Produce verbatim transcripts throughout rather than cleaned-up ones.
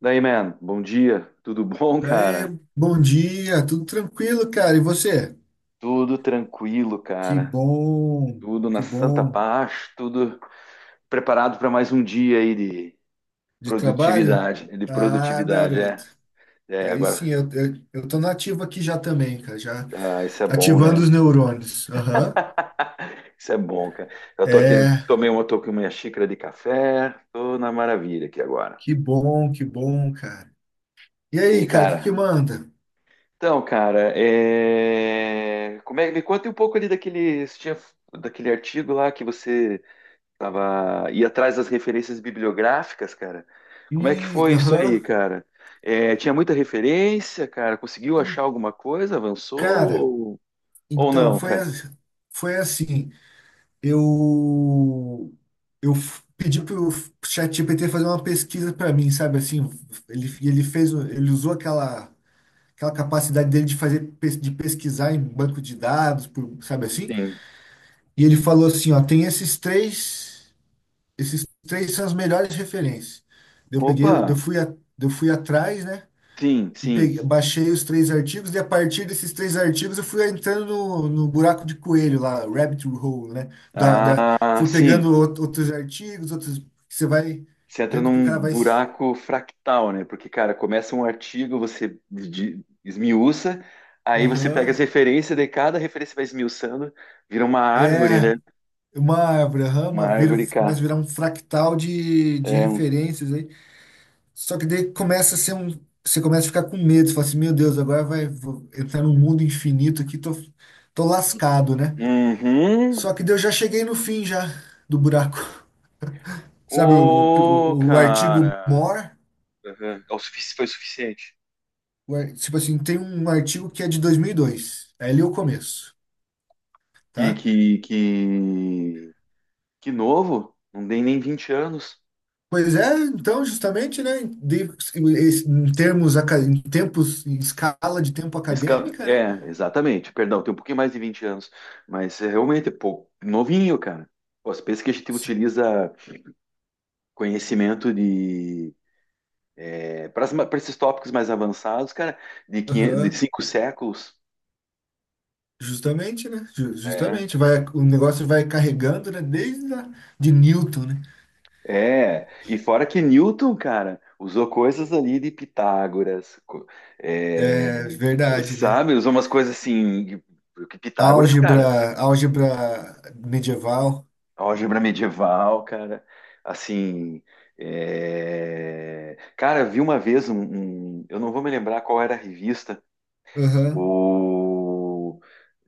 Daí, man, bom dia. Tudo bom, Daí, cara? bom dia, tudo tranquilo, cara? E você? Tudo tranquilo, Que cara. bom, Tudo na que santa bom paz, tudo preparado para mais um dia aí de de trabalho? produtividade. De Ah, produtividade, garoto. é. É, Aí sim, agora, eu, eu, eu tô nativo aqui já também, cara, já ah, isso é bom, ativando né? os neurônios. Aham. Isso é bom, cara. Eu tô aqui, É, tomei uma, tô com minha xícara de café, tô na maravilha aqui agora. que bom, que bom, cara. E E aí, aí, cara, o que que cara? manda? Então, cara, é... como é... me conta um pouco ali daquele, você tinha- daquele artigo lá que você tava ia atrás das referências bibliográficas, cara. Como é que E, foi isso aí, aham. cara? É, tinha muita referência, cara. Conseguiu achar alguma coisa? Avançou Cara, ou, ou então, não, foi, cara? a- foi assim. eu eu f- pedi pro ChatGPT fazer uma pesquisa para mim, sabe assim. Ele ele fez, o- ele usou aquela aquela capacidade dele de fazer pes- de pesquisar em banco de dados, por- sabe assim? Sim. E ele falou assim, ó, tem esses três, esses três são as melhores referências. Eu Opa, peguei, eu fui a, eu fui atrás, né? sim, E sim. peguei, baixei os três artigos, e a partir desses três artigos eu fui entrando no, no buraco de coelho lá, rabbit hole, né? Da, da, Ah, fui sim. pegando out- outros artigos, outros. Você vai Você entra vendo que o num cara vai. s- buraco fractal, né? Porque, cara, começa um artigo, você de- esmiuça, aí você pega Aham. as referências, de cada referência vai esmiuçando, vira uma árvore, É. né? Uma árvore, aham, Uma uma vira, árvore começa cá. a virar um fractal de, de É um. referências aí. Só que daí começa a ser um. Você começa a ficar com medo, você fala assim, meu Deus, agora vai vou entrar num mundo infinito aqui, tô, tô lascado, né? Uhum. Só que daí eu já cheguei no fim já do buraco. Sabe o, Ô, o, o artigo cara. more, Aham. É o sufici- foi o suficiente. o ar- tipo assim, tem um artigo que é de dois mil e dois é ali o começo, Que, tá? que, que, que novo. Não tem nem vinte anos. Pois é, então, justamente, né, de- em termos, aca- em tempos, em escala de tempo Esse ca- acadêmica, né? É, exatamente. Perdão, tem um pouquinho mais de vinte anos. Mas é, realmente é pouco. Novinho, cara. Pô, você pensa que a gente utiliza conhecimento de. Para esses tópicos mais avançados, cara, de, quinhentos, de Aham. cinco séculos. Justamente, né? Ju- é, Justamente, vai, o negócio vai carregando, né? Desde a, de Newton, né? é, e fora que Newton, cara, usou coisas ali de Pitágoras, co- é, É verdade, né? sabe? Usou umas coisas assim, que que Pitágoras, cara, Álgebra, álgebra medieval. álgebra medieval, cara, assim, é, cara, vi uma vez um, um- eu não vou me lembrar qual era a revista, Aham, o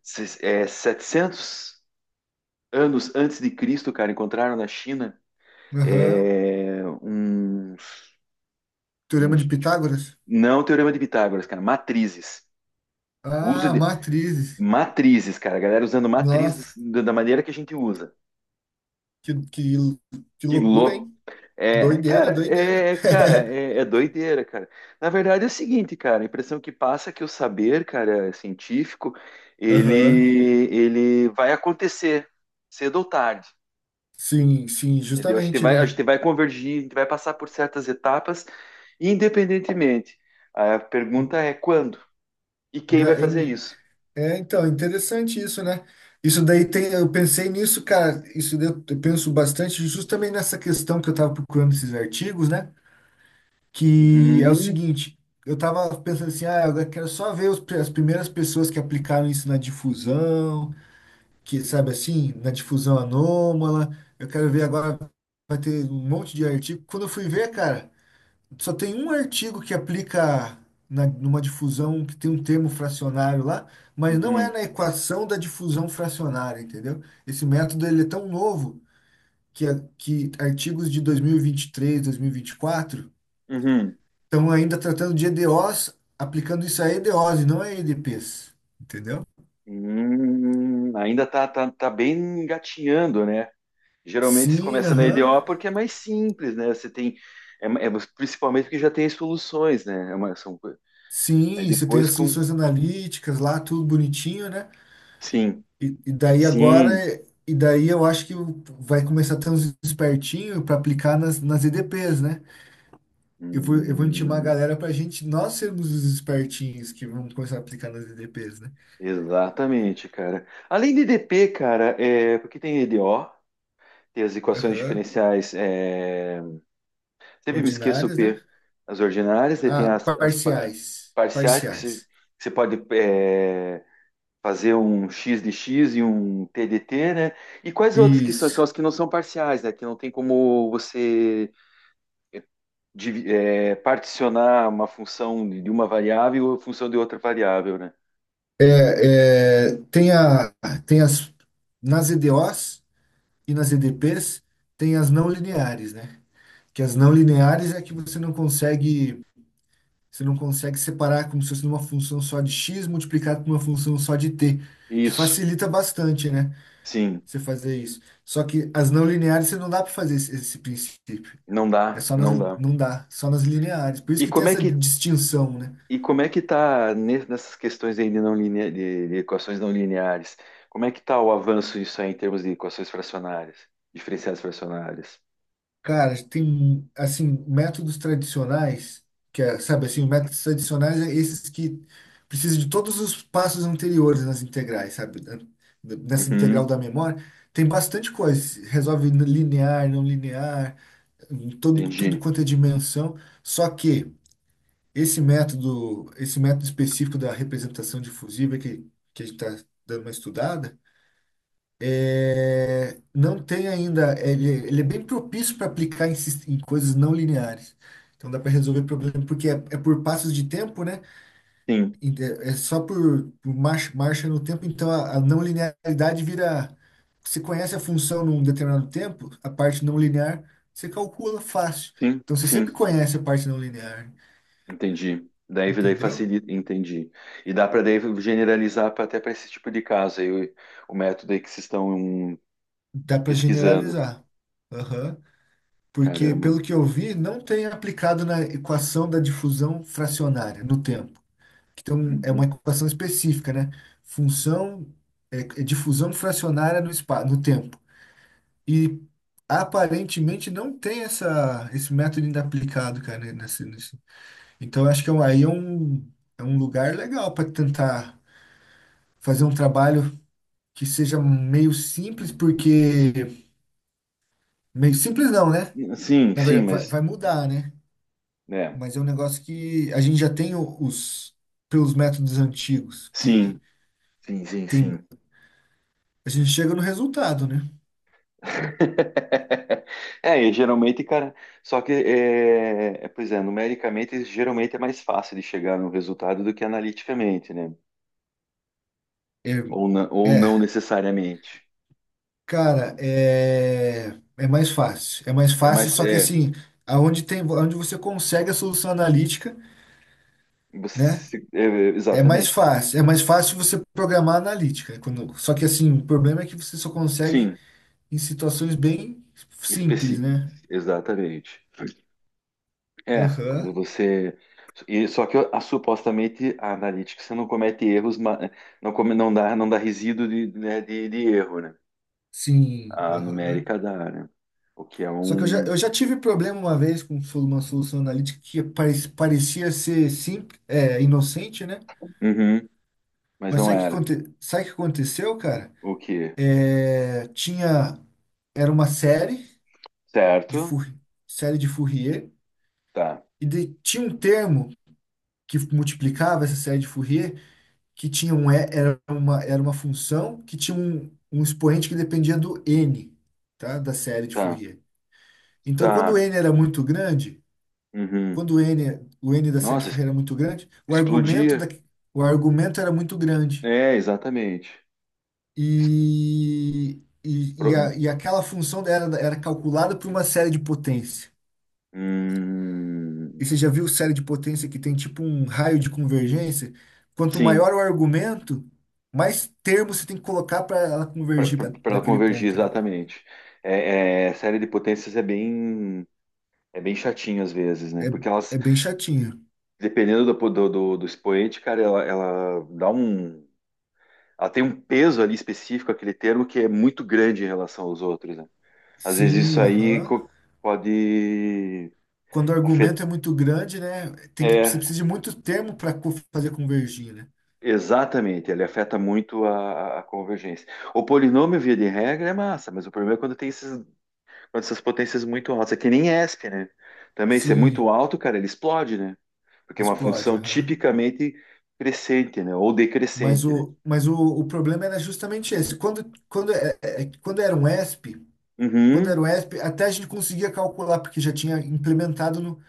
se- é, setecentos anos antes de Cristo, cara, encontraram na China, aham. é, uns, Teorema de Pitágoras. não teorema de Pitágoras, cara, matrizes. Uso Ah, de matrizes. matrizes, cara. A galera usando matrizes Nossa, da da maneira que a gente usa. que, que, que Que loucura, louco. hein? É, Doideira, cara, doideira. é, cara, é, é doideira, cara. Na verdade é o seguinte, cara, a impressão que passa é que o saber, cara, é científico, ele, Aham. ele vai acontecer cedo ou tarde, Sim, sim, entendeu? A gente justamente, vai, a né? gente vai convergir, a gente vai passar por certas etapas, independentemente. A pergunta é quando e quem vai Gra- fazer em- isso? É, então, interessante isso, né? Isso daí tem, eu pensei nisso, cara, isso daí eu eu penso bastante justamente nessa questão que eu tava procurando esses artigos, né? Que é o Uhum. seguinte, eu tava pensando assim, ah, eu quero só ver os pri- as primeiras pessoas que aplicaram isso na difusão, que, sabe assim, na difusão anômala. Eu quero ver agora, vai ter um monte de artigo. Quando eu fui ver, cara, só tem um artigo que aplica na, numa difusão que tem um termo fracionário lá, mas não é Uhum, na equação da difusão fracionária, entendeu? Esse método ele é tão novo que, a- que artigos de dois mil e vinte e três, dois mil e vinte e quatro uhum. estão ainda tratando de E D Os, aplicando isso a E D Os e não a E D Ps, entendeu? Hum, ainda tá, tá, tá bem engatinhando, né? Geralmente você Sim, começa na aham. E D O porque é mais simples, né? Você tem, é, é- principalmente porque já tem as soluções, né? É uma, são, co- aí Sim, você tem depois as com, soluções analíticas lá, tudo bonitinho, né? sim, E, e daí agora, sim, e daí eu acho que vai começar a ter uns espertinhos para aplicar nas, nas E D Ps, né? Eu vou, eu vou intimar a hum, galera para a gente, nós sermos os espertinhos que vamos começar a aplicar nas E D Ps, né? exatamente, cara. Além de D P, cara, é, porque tem E D O, tem as equações Aham. diferenciais, é, sempre me esqueço o Ordinárias, né? P. As ordinárias, daí tem Ah, as, as pa- parciais. parciais, porque você, Parciais. você pode é, fazer um X de X e um t de t né? E quais outras que são? Isso. São as que não são parciais, né? Que não tem como você divi- é, particionar uma função de de uma variável ou função de outra variável, né? É, é, tem a, tem as, nas E D Os e nas E D Ps, tem as não lineares, né? Que as não lineares é que você não consegue, você não consegue separar como se fosse uma função só de x multiplicado por uma função só de t, que Isso, facilita bastante, né? sim, Você fazer isso. Só que as não lineares você não dá para fazer esse, esse princípio. não É dá, só nas, não dá. não dá, só nas lineares. Por isso E que tem como é essa que distinção, né? E como é que está nessas questões aí de, não linea- de, de equações não lineares? Como é que está o avanço disso aí em termos de equações fracionárias, diferenciais fracionárias? Cara, tem, assim, métodos tradicionais, que é, sabe assim, métodos tradicionais é esses que precisam de todos os passos anteriores nas integrais, sabe? Da- da- Nessa integral Uhum, da memória, tem bastante coisa. Resolve linear, não linear, em todo, tudo entendi. quanto é dimensão. Só que esse método, esse método específico da representação difusiva que, que a gente está dando uma estudada, é, não tem ainda. Ele, ele é bem propício para aplicar em, sis- em coisas não lineares. Então dá para resolver problema, porque é, é por passos de tempo, né? Sim, E É é só por, por marcha, marcha no tempo. Então a, a não linearidade vira. Você conhece a função num determinado tempo, a parte não linear, você calcula fácil. sim, Então você sempre sim, conhece a parte não linear, entendi. Daí, daí entendeu? facilita, entendi. E dá para daí generalizar pra- até para esse tipo de caso aí, o, o método aí que vocês estão hum, Dá para pesquisando. generalizar. Aham. Porque, Caramba. pelo que eu vi, não tem aplicado na equação da difusão fracionária no tempo. Então, é uma Uhum. equação específica, né? Função é, é difusão fracionária no espaço, no tempo. E aparentemente não tem essa, esse método ainda aplicado, cara, nesse, nesse- Então, eu acho que é um- aí é um, é um lugar legal para tentar fazer um trabalho que seja meio simples, porque meio simples não, né? Sim, Na sim, verdade, vai mas, vai mudar, né? né? Mas é um negócio que a gente já tem o- os pelos métodos antigos, Sim, que sim, sim, tem, sim. a gente chega no resultado, né? É, e geralmente, cara, só que, é, é, pois é, numericamente, geralmente é mais fácil de chegar no resultado do que analiticamente, né? É, Ou, na- ou é, não necessariamente. cara, é, é mais fácil. É mais É fácil, mais, só que é, assim, aonde tem, aonde você consegue a solução analítica, né? você- é, É mais exatamente. fácil. É mais fácil você programar analítica. Quando, só que assim, o problema é que você só consegue Sim, em situações bem simples, especi, né? exatamente. É, quando Aham. você, e só que a, supostamente a analítica você não comete erros, ma- não come, não dá, não dá resíduo de, né, de, de erro, né? Sim, A aham. numérica dá, né? O que é Só que eu já, um eu já tive problema uma vez com solu- uma solução analítica que pare- parecia ser simples, é, inocente, né? uhum. Mas Mas não sabe o que, era. aconte- sabe o que aconteceu, cara? O quê? É, tinha, era uma série de, Certo? Four- série de Fourier Tá, e de- tinha um termo que multiplicava essa série de Fourier que tinha um, e- era uma, era uma função que tinha um, um expoente que dependia do n, tá? Da série de tá, Fourier. Então, quando o tá. n era muito grande, Uhum. quando o N, o N da Sede Nossa, es- Ferreira era muito grande, o argumento, da, explodia. o argumento era muito grande. É, exatamente. E, e, e, Expro- a- e aquela função era, era calculada por uma série de potência. hum, E você já viu série de potência que tem tipo um raio de convergência? Quanto sim, maior o argumento, mais termos você tem que colocar para ela para convergir pra, ela naquele convergir, ponto, né? exatamente. É, é, série de potências é bem, é bem chatinho às vezes, né? É, Porque elas, é bem chatinho. dependendo do, do, do, do expoente, cara, ela, ela dá um. Ela tem um peso ali específico, aquele termo, que é muito grande em relação aos outros, né? Às vezes Sim, isso aí aham. co- pode Quando o afetar. argumento é muito grande, né? Tem que, você É, precisa de muito termo para fazer convergir, né? exatamente, ele afeta muito a, a- a convergência. O polinômio, via de regra, é massa, mas o problema é quando tem esses, quando essas potências muito altas. É que nem E S P, né? Também, se é muito Sim, alto, cara, ele explode, né? Porque é uma explode, função aham. tipicamente crescente, né? Ou Mas decrescente, né? o, mas o, o problema era justamente esse. Quando, quando, é- é- é, quando era um E S P, quando Uhum, era um E S P, até a gente conseguia calcular, porque já tinha implementado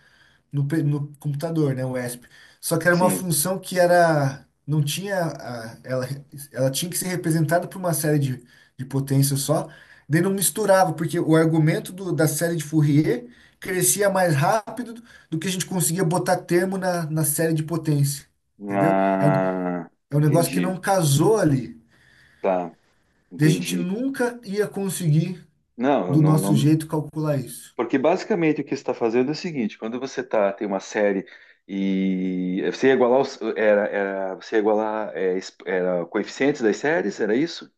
no, pe- no computador, né, o E S P. Só que era uma sim. função que era, não tinha, a- ela, ela tinha que ser representada por uma série de, de potências só, daí não misturava, porque o argumento do- da série de Fourier crescia mais rápido do que a gente conseguia botar termo na, na série de potência, entendeu? É um, Ah, é um negócio que entendi. não casou ali, Tá, daí a gente entendi. nunca ia conseguir, Não, do não, nosso não, jeito, calcular isso. Porque basicamente o que você está fazendo é o seguinte: quando você tá, tem uma série e você ia igualar os, era, era, você ia igualar é, es- era, coeficientes das séries, era isso?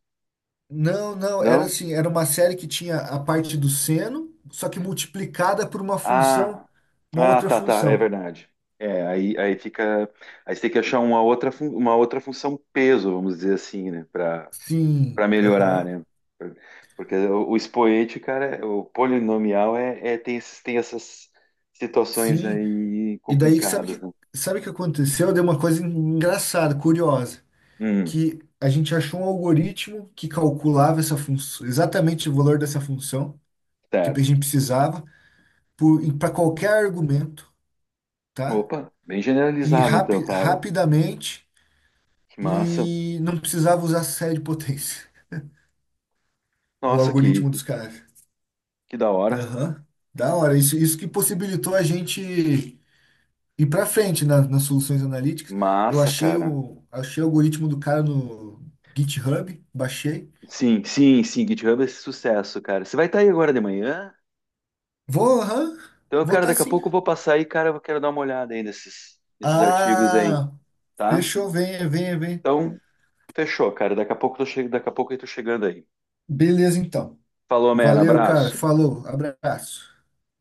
Não, não, era Não? assim, era uma série que tinha a parte do seno, só que multiplicada por uma função, Ah, uma ah, outra tá, tá, é função. verdade. É, aí, aí fica. Aí você tem que achar uma outra, fun- uma outra função peso, vamos dizer assim, né? Para Sim, para melhorar, aham, né? Porque o, o expoente, cara, é, o polinomial é, é- tem, esses- tem essas situações sim. aí E daí, sabe complicadas, que, né? sabe o que aconteceu? Deu uma coisa engraçada, curiosa, Hum, que a gente achou um algoritmo que calculava essa função, exatamente o valor dessa função que a certo. gente precisava para qualquer argumento, tá? Opa, bem E generalizado então, rapi, Pava. rapidamente, Que massa. e não precisava usar série de potência. O Nossa, que, algoritmo que, dos caras. que da hora. Aham. Da hora. Isso, isso que possibilitou a gente ir para frente na- nas soluções analíticas. Eu Massa, achei cara. o, achei o algoritmo do cara no GitHub, baixei. Sim, sim, sim, GitHub é esse sucesso, cara. Você vai estar aí agora de manhã? Vou, aham, Então, vou cara, tá daqui a sim. pouco eu vou passar aí, cara, eu quero dar uma olhada aí nesses, nesses artigos aí, Ah, tá? fechou. Venha, venha, venha. Então, fechou, cara. Daqui a pouco eu tô che... daqui a pouco eu tô chegando aí. Beleza, então. Falou, man, Valeu, cara. abraço. Falou. Abraço.